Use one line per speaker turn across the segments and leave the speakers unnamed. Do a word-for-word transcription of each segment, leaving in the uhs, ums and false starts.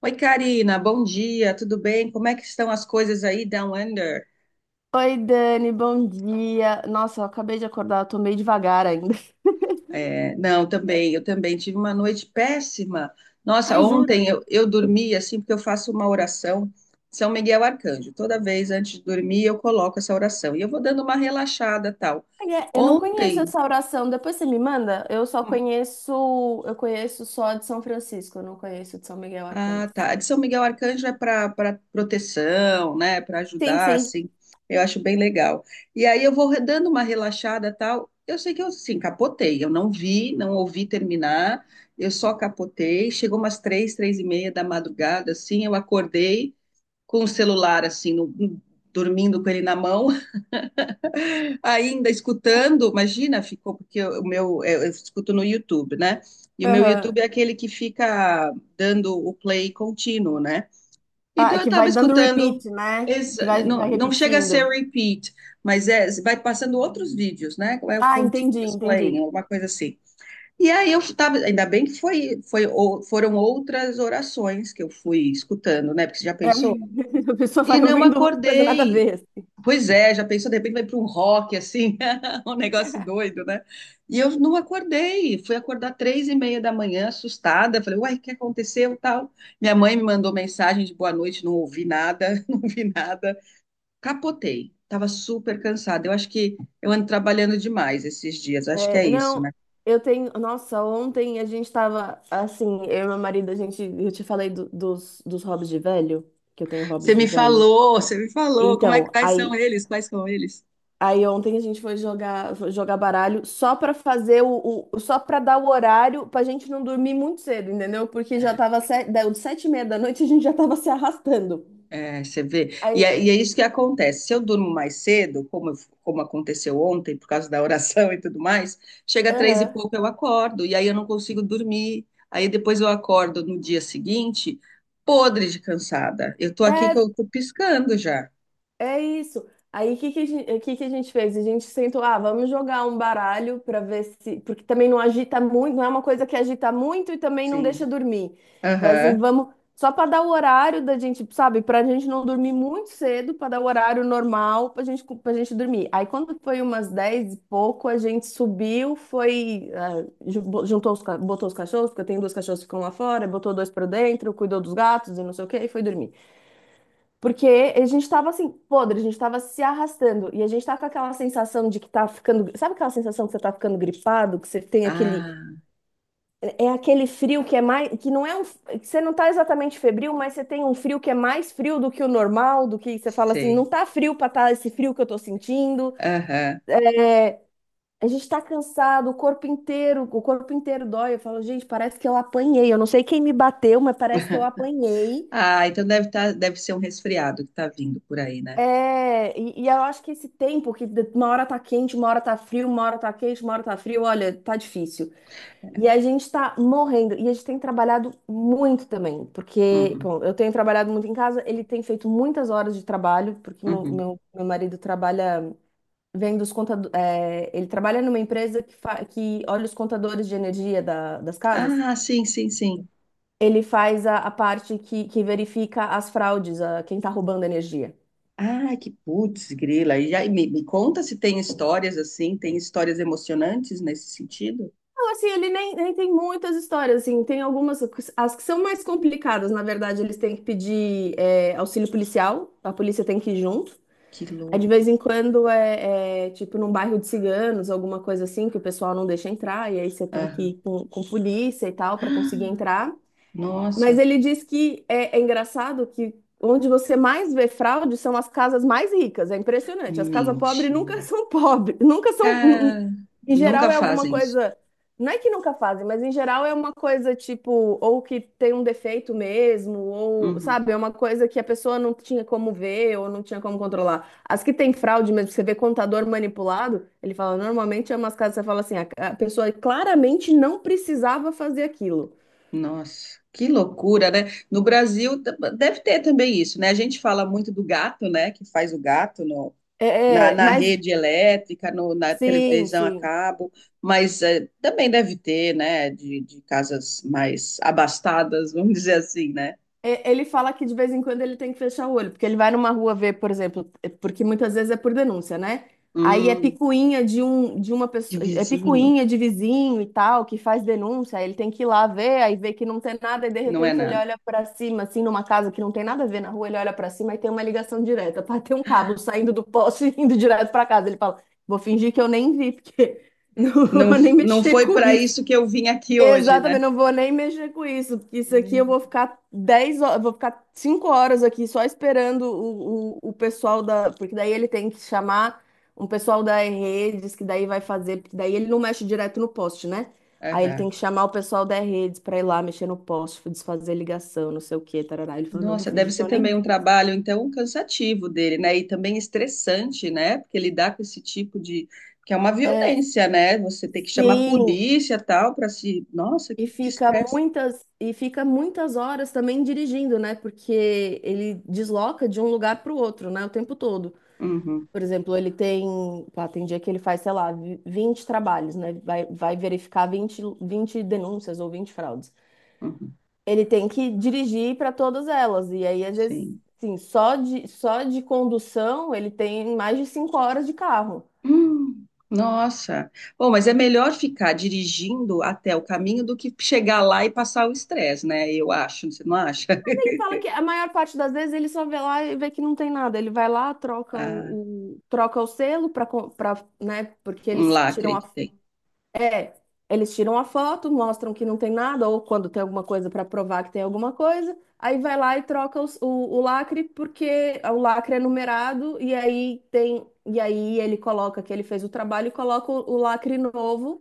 Oi, Karina, bom dia, tudo bem? Como é que estão as coisas aí, Down Under?
Oi, Dani, bom dia. Nossa, eu acabei de acordar, eu tô meio devagar ainda.
É, não, também, eu também tive uma noite péssima. Nossa,
Ai, jura?
ontem eu, eu dormi assim, porque eu faço uma oração, São Miguel Arcanjo. Toda vez antes de dormir eu coloco essa oração e eu vou dando uma relaxada tal.
Ai, é, eu não conheço
Ontem,
essa oração, depois você me manda? Eu só conheço, eu conheço só a de São Francisco, eu não conheço a de São Miguel Arcanjo.
ah, tá. A de São Miguel Arcanjo é para para proteção, né? Para
Sim,
ajudar,
sim.
assim. Eu acho bem legal. E aí eu vou re- dando uma relaxada, tal. Eu sei que eu assim capotei. Eu não vi, não ouvi terminar. Eu só capotei. Chegou umas três, três e meia da madrugada, assim. Eu acordei com o celular, assim, no- hum, dormindo com ele na mão, ainda escutando. Imagina, ficou porque o meu eu, eu escuto no YouTube, né? E o meu
Aham.
YouTube é aquele que fica dando o play contínuo, né? Então
Ah,
eu
que
estava
vai dando
escutando,
repeat, né? Que
exa-
vai,
não,
vai
não chega a ser
repetindo.
repeat, mas é, vai passando outros vídeos, né? É o
Ah, entendi,
continuous playing,
entendi.
alguma coisa assim. E aí eu estava, ainda bem que foi, foi, ou- foram outras orações que eu fui escutando, né? Porque você já
É,
pensou?
a pessoa
E
vai
não
ouvindo uma coisa nada a
acordei.
ver.
Pois é, já pensou, de repente vai para um rock, assim, um negócio doido, né? E eu não acordei, fui acordar três e meia da manhã, assustada, falei, uai, o que aconteceu, tal? Minha mãe me mandou mensagem de boa noite, não ouvi nada, não vi nada. Capotei, estava super cansada, eu acho que eu ando trabalhando demais esses dias, acho que é
É,
isso,
não,
né?
eu tenho. Nossa, ontem a gente tava assim, eu e meu marido, a gente. Eu te falei do- dos, dos hobbies de velho, que eu tenho
Você
hobbies de
me
velho.
falou, você me falou, como é que,
Então,
quais são
aí,
eles, quais são eles?
aí ontem a gente foi jogar, foi jogar baralho só pra fazer o, o- Só pra dar o horário pra gente não dormir muito cedo, entendeu? Porque já
É.
tava sete, deu sete e meia da noite, a gente já tava se arrastando.
É, você vê. E
Aí,
é, e é isso que acontece. Se eu durmo mais cedo, como, eu- como aconteceu ontem, por causa da oração e tudo mais, chega três e
aham.
pouco eu acordo, e aí eu não consigo dormir. Aí depois eu acordo no dia seguinte, podre de cansada. Eu tô aqui que
É,
eu tô piscando já.
É isso. Aí o que que a gente, o que que a gente fez? A gente sentou, ah, vamos jogar um baralho para ver se. Porque também não agita muito, não é uma coisa que agita muito e também não
Sim.
deixa dormir. Então, assim,
Aham.
vamos. Só para dar o horário da gente, sabe? Para a gente não dormir muito cedo, para dar o horário normal para gente, para gente dormir. Aí quando foi umas dez e pouco, a gente subiu, foi, ah, ju- juntou os, ca- botou os cachorros, porque eu tenho dois cachorros que ficam lá fora, botou dois para dentro, cuidou dos gatos e não sei o quê, e foi dormir. Porque a gente tava assim, podre, a gente tava se arrastando. E a gente tá com aquela sensação de que tá ficando. Sabe aquela sensação que você tá ficando gripado? Que você tem aquele.
Ah,
É aquele frio que é mais. Que não é um. Que você não tá exatamente febril, mas você tem um frio que é mais frio do que o normal, do que você fala assim, não
sei.
tá frio pra tá esse frio que eu tô sentindo.
Aham.
A gente tá cansado, o corpo inteiro, o corpo inteiro dói. Eu falo, gente, parece que eu apanhei. Eu não sei quem me bateu, mas parece que eu apanhei.
Ah, então deve tá, deve ser um resfriado que tá vindo por aí, né?
É, e, e eu acho que esse tempo que de- uma hora tá quente, uma hora tá frio, uma hora tá quente, uma hora tá frio, olha, tá difícil. E a gente tá morrendo. E a gente tem trabalhado muito também, porque,
Uhum.
bom, eu tenho trabalhado muito em casa, ele tem feito muitas horas de trabalho, porque meu,
Uhum.
meu, meu marido trabalha vendo os contadores. Ele trabalha numa empresa que, fa- que olha os contadores de energia da- das casas.
Ah, sim, sim, sim.
Ele faz a, a parte que, que verifica as fraudes, a, quem tá roubando energia.
Ah, que putz, grila. E aí, me, me conta se tem histórias assim, tem histórias emocionantes nesse sentido?
Não, assim, ele nem, nem tem muitas histórias, assim, tem algumas, as que são mais complicadas, na verdade, eles têm que pedir é, auxílio policial, a polícia tem que ir junto.
Que
Aí, de vez
louco.
em quando, é, é, tipo num bairro de ciganos, alguma coisa assim, que o pessoal não deixa entrar, e aí você tem que
Aham.
ir com, com polícia e tal, para conseguir entrar. Mas
Nossa,
ele diz que é, é engraçado que onde você mais vê fraude são as casas mais ricas. É impressionante. As casas pobres nunca
mentira.
são pobres, nunca são.
Cara,
Em
nunca
geral é alguma
fazem isso.
coisa. Não é que nunca fazem, mas em geral é uma coisa tipo, ou que tem um defeito mesmo, ou,
Uhum.
sabe, é uma coisa que a pessoa não tinha como ver ou não tinha como controlar. As que tem fraude mesmo, você vê contador manipulado, ele fala, normalmente é umas casas, que você fala assim, a a pessoa claramente não precisava fazer aquilo.
Nossa, que loucura, né? No Brasil t- deve ter também isso, né? A gente fala muito do gato, né? Que faz o gato na,
É, é,
na
mas.
rede elétrica, no, na
Sim,
televisão a
sim.
cabo, mas eh, também deve ter, né, de, de casas mais abastadas, vamos dizer assim, né?
E- Ele fala que de vez em quando ele tem que fechar o olho, porque ele vai numa rua ver, por exemplo, é porque muitas vezes é por denúncia, né? Aí é
Hum,
picuinha de um, de uma
de
pessoa, é
vizinho,
picuinha de vizinho e tal, que faz denúncia, aí ele tem que ir lá ver, aí vê que não tem nada, e de
não é
repente ele
nada.
olha pra cima, assim, numa casa que não tem nada a ver na rua, ele olha pra cima e tem uma ligação direta, pá, tem um cabo saindo do poste e indo direto pra casa. Ele fala, vou fingir que eu nem vi, porque não
Não,
vou nem
não
mexer
foi
com
para
isso.
isso que eu vim aqui hoje, né?
Exatamente, não vou nem mexer com isso, porque isso
Meu
aqui eu vou
Deus.
ficar dez horas, vou ficar cinco horas aqui só esperando o, o, o pessoal da. Porque daí ele tem que chamar um pessoal da redes, que daí vai fazer, porque daí ele não mexe direto no poste, né? Aí ele tem
Aham.
que chamar o pessoal da redes pra ir lá mexer no poste, desfazer ligação, não sei o quê, tarará. Ele falou, não, vou
Nossa, deve
fingir que
ser
eu nem
também um
vi.
trabalho, então, cansativo dele, né? E também estressante, né? Porque lidar com esse tipo de. Que é uma
É,
violência, né? Você tem que chamar a
sim,
polícia tal para se. Nossa,
e
que, que
fica
estresse.
muitas e fica muitas horas também dirigindo, né? Porque ele desloca de um lugar para o outro, né? O tempo todo.
Uhum.
Por exemplo, ele tem, pá, tem dia que ele faz, sei lá, vi- vinte trabalhos, né? Vai, vai verificar vinte vinte denúncias ou vinte fraudes.
Uhum,
Ele tem que dirigir para todas elas. E aí, às vezes,
sim.
sim, só de, só de condução ele tem mais de cinco horas de carro.
Hum, nossa. Bom, mas é melhor ficar dirigindo até o caminho do que chegar lá e passar o estresse, né? Eu acho, você não acha?
Ele fala que a maior parte das vezes ele só vê lá e vê que não tem nada. Ele vai lá, troca
Ah,
o, o- troca o selo para, né? Porque
um
eles tiram
lacre
a.
que tem.
É, eles tiram a foto, mostram que não tem nada, ou quando tem alguma coisa para provar que tem alguma coisa, aí vai lá e troca os- o, o lacre, porque o lacre é numerado, e aí tem, e aí ele coloca que ele fez o trabalho e coloca o, o lacre novo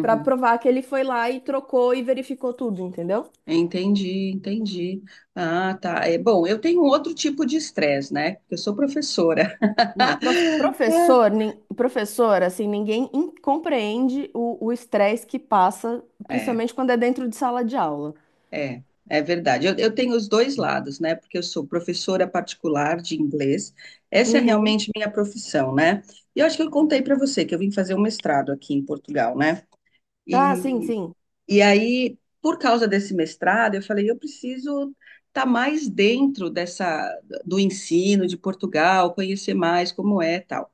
para provar que ele foi lá e trocou e verificou tudo, entendeu?
Entendi, entendi. Ah, tá. É bom, eu tenho outro tipo de estresse, né? Porque eu sou professora.
Não, prof-
Ah.
professor, nin- professor, assim, ninguém in- compreende o o estresse que passa,
É.
principalmente quando é dentro de sala de aula.
É, é verdade. Eu, eu tenho os dois lados, né? Porque eu sou professora particular de inglês. Essa é
Uhum.
realmente minha profissão, né? E eu acho que eu contei para você que eu vim fazer um mestrado aqui em Portugal, né?
Ah, sim,
E,
sim.
e aí, por causa desse mestrado, eu falei, eu preciso estar mais dentro dessa do ensino de Portugal, conhecer mais como é, e tal.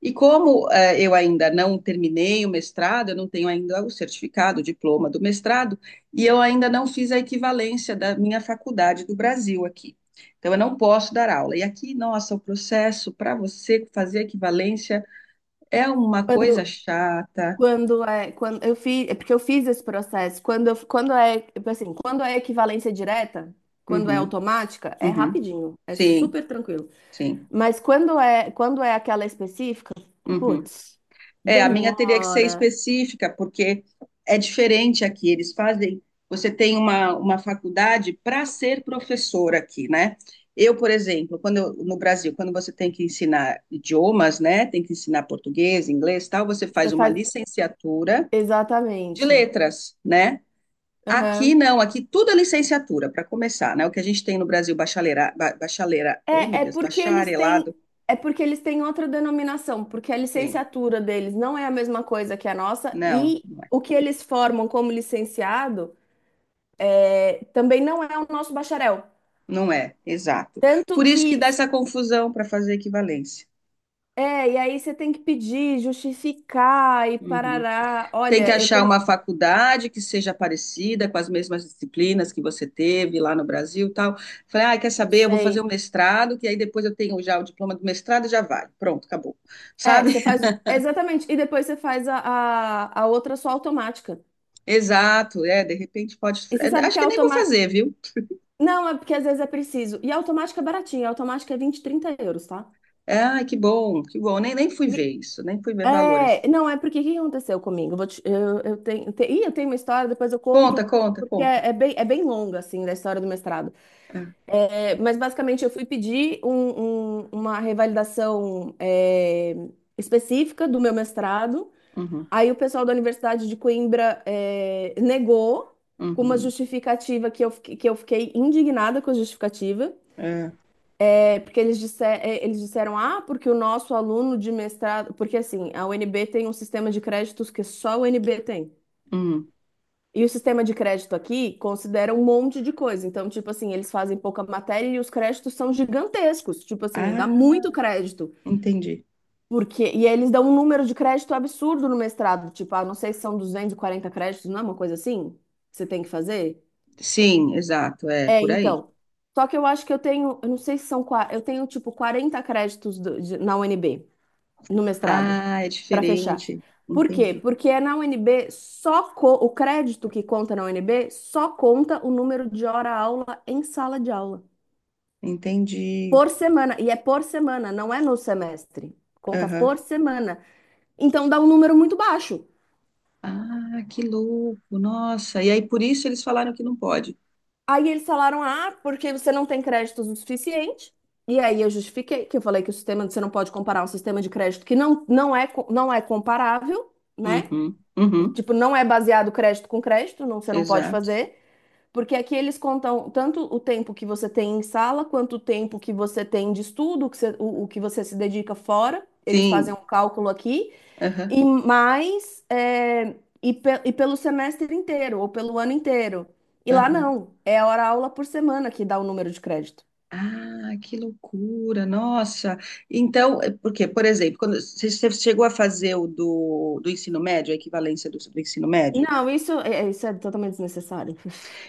E como eh, eu ainda não terminei o mestrado, eu não tenho ainda o certificado, o diploma do mestrado, e eu ainda não fiz a equivalência da minha faculdade do Brasil aqui. Então, eu não posso dar aula. E aqui, nossa, o processo para você fazer a equivalência é uma coisa
Quando,
chata.
Quando é, quando eu fiz, é porque eu fiz esse processo. Quando, eu- quando é, assim, quando é equivalência direta, quando é
Uhum,
automática, é
uhum.
rapidinho, é
Sim,
super tranquilo.
sim.
Mas quando é, quando é aquela específica,
Uhum.
putz,
É, a minha teria que ser
demora.
específica, porque é diferente aqui. Eles fazem. Você tem uma, uma faculdade para ser professor aqui, né? Eu, por exemplo, quando eu- no Brasil, quando você tem que ensinar idiomas, né? Tem que ensinar português, inglês, tal, você
Você
faz uma
faz
licenciatura de
exatamente.
letras, né? Aqui
Aham.
não, aqui tudo é licenciatura, para começar, né? O que a gente tem no Brasil, bachaleira, ba- bachaleira, oh meu
É, é
Deus,
porque eles têm,
bacharelado,
é porque eles têm outra denominação, porque a
tem.
licenciatura deles não é a mesma coisa que a nossa
Não.
e o que eles formam como licenciado é também não é o nosso bacharel.
Não é, exato.
Tanto
Por isso
que,
que dá essa confusão para fazer equivalência.
é, e aí você tem que pedir, justificar e
Uhum.
parará.
Tem que
Olha, eu
achar
tenho,
uma faculdade que seja parecida com as mesmas disciplinas que você teve lá no Brasil, e tal. Falei, ah, quer
eu
saber? Eu vou fazer um
sei.
mestrado, que aí depois eu tenho já o diploma do mestrado e já vai. Pronto, acabou.
É,
Sabe?
você faz, exatamente, e depois você faz a, a, a outra só automática.
Exato, é, de repente pode.
E você
É,
sabe
acho
que a
que nem vou
automática,
fazer, viu?
não, é porque às vezes é preciso. E a automática é baratinha, a automática é vinte, trinta euros, tá?
Ah, que bom, que bom. Nem, nem fui ver
E-
isso, nem fui ver valores.
É, não, é porque o que aconteceu comigo? Eu, vou te- eu, eu tenho, te- ih, eu tenho uma história, depois eu conto,
Conta, conta,
porque
conta.
é, é bem, é bem longa, assim, da história do mestrado.
É,
É, mas basicamente eu fui pedir um- um- uma revalidação é, específica do meu mestrado.
uhum,
Aí o pessoal da Universidade de Coimbra é, negou com uma
uhum,
justificativa que eu, fiquei- que eu fiquei indignada com a justificativa.
é,
É, porque eles, disse- é, eles disseram, ah, porque o nosso aluno de mestrado. Porque assim, a U N B tem um sistema de créditos que só a U N B tem.
hum.
E o sistema de crédito aqui considera um monte de coisa. Então, tipo assim, eles fazem pouca matéria e os créditos são gigantescos. Tipo assim, dá
Ah,
muito crédito.
entendi.
Porque... E eles dão um número de crédito absurdo no mestrado. Tipo, ah, não sei se são duzentos e quarenta créditos, não é uma coisa assim? Que você tem que fazer?
Sim, exato, é
É,
por aí.
então. Só que eu acho que eu tenho, eu não sei se são, qua- eu tenho tipo quarenta créditos do- de- na U N B no mestrado,
Ah, é
para fechar.
diferente.
Por quê?
Entendi,
Porque é na U N B só co- o crédito que conta na U N B só conta o número de hora-aula em sala de aula
entendi.
por semana e é por semana, não é no semestre. Conta
Aham.
por semana. Então dá um número muito baixo.
Ah, que louco, nossa. E aí por isso eles falaram que não pode.
Aí eles falaram: "Ah, porque você não tem créditos o suficiente". E aí eu justifiquei que eu falei que o sistema você não pode comparar um sistema de crédito que não, não é co- não é comparável, né?
Uhum, uhum,
Tipo, não é baseado crédito com crédito, não, você não pode
exato.
fazer. Porque aqui eles contam tanto o tempo que você tem em sala, quanto o tempo que você tem de estudo, o que você, o- o que você se dedica fora. Eles fazem
Sim,
um cálculo aqui,
aham,
e mais, é, e, pe- e pelo semestre inteiro, ou pelo ano inteiro. E lá
aham.
não, é hora aula por semana que dá o número de crédito.
Ah, que loucura, nossa. Então, é porque, por exemplo, quando você você chegou a fazer o do, do ensino médio, a equivalência do, do ensino médio?
Não, isso é, isso é totalmente desnecessário.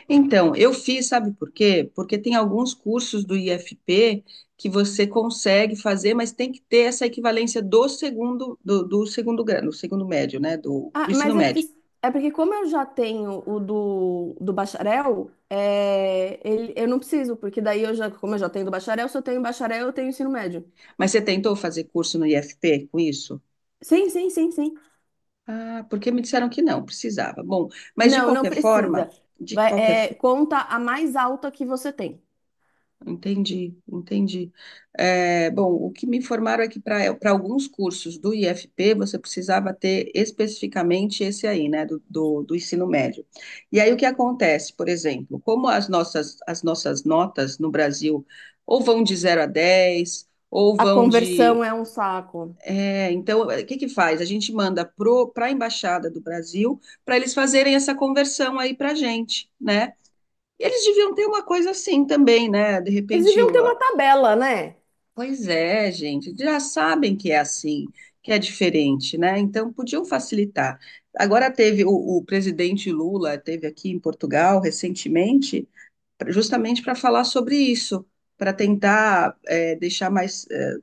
Então, eu fiz, sabe por quê? Porque tem alguns cursos do I F P que você consegue fazer, mas tem que ter essa equivalência do segundo, do, do segundo grau, do segundo médio, né? Do,
Ah,
do ensino
mas é porque,
médio.
é porque como eu já tenho o do, do bacharel, é, ele, eu não preciso, porque daí eu já, como eu já tenho do bacharel, se eu tenho bacharel, eu tenho ensino médio.
Mas você tentou fazer curso no I F P com isso?
Sim, sim, sim, sim.
Ah, porque me disseram que não, precisava. Bom, mas de
Não, não
qualquer forma,
precisa.
de
Vai,
qualquer.
é, conta a mais alta que você tem.
Entendi, entendi. É, bom, o que me informaram é que para para alguns cursos do I F P você precisava ter especificamente esse aí, né, do, do, do ensino médio. E aí o que acontece, por exemplo, como as nossas, as nossas notas no Brasil ou vão de zero a dez ou
A
vão de.
conversão é um saco.
É, então, o que que faz? A gente manda para a Embaixada do Brasil para eles fazerem essa conversão aí para a gente, né? E eles deviam ter uma coisa assim também, né? De
Eles
repente,
deviam
o-
ter uma tabela, né?
Pois é, gente, já sabem que é assim, que é diferente, né? Então podiam facilitar. Agora teve o, o presidente Lula teve aqui em Portugal recentemente, pra- justamente para falar sobre isso, para tentar eh, deixar mais eh,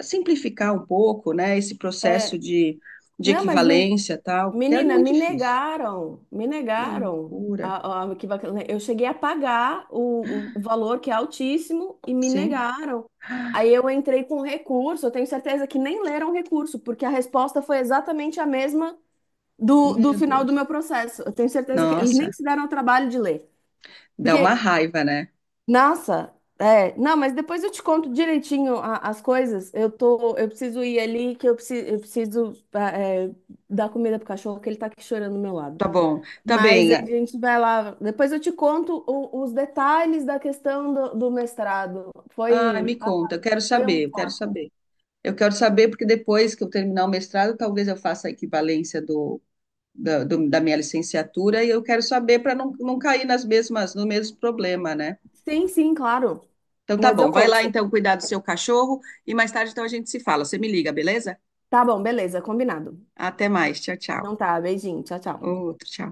simplificar um pouco, né? Esse
É,
processo de, de
não, mas me-
equivalência e tal, porque é
menina,
muito
me
difícil.
negaram, me
Que
negaram.
loucura,
a- a- que vac- Eu cheguei a pagar o, o valor que é altíssimo e me
sim?
negaram. Aí eu entrei com recurso, eu tenho certeza que nem leram o recurso, porque a resposta foi exatamente a mesma do, do
Meu
final do
Deus.
meu processo. Eu tenho certeza que eles nem
Nossa,
se deram o trabalho de ler.
dá uma
Porque
raiva, né?
nossa, é, não, mas depois eu te conto direitinho a- as coisas. Eu tô, eu preciso ir ali, que eu preciso, eu preciso ah, é, dar comida pro cachorro, que ele tá aqui chorando do meu lado.
Tá bom, tá
Mas
bem.
a gente vai lá. Depois eu te conto o- os detalhes da questão do, do mestrado.
Ah, me
Foi, ah,
conta, eu quero
foi um
saber, eu quero
papo.
saber. Eu quero saber porque depois que eu terminar o mestrado, talvez eu faça a equivalência do, da, do- da minha licenciatura e eu quero saber para não, não cair nas mesmas, no mesmo problema, né?
Sim, sim, claro.
Então tá
Mas eu
bom, vai
conto,
lá
sim.
então cuidar do seu cachorro e mais tarde então a gente se fala. Você me liga, beleza?
Tá bom, beleza, combinado.
Até mais, tchau, tchau.
Não tá, beijinho, tchau, tchau.
Outro, tchau.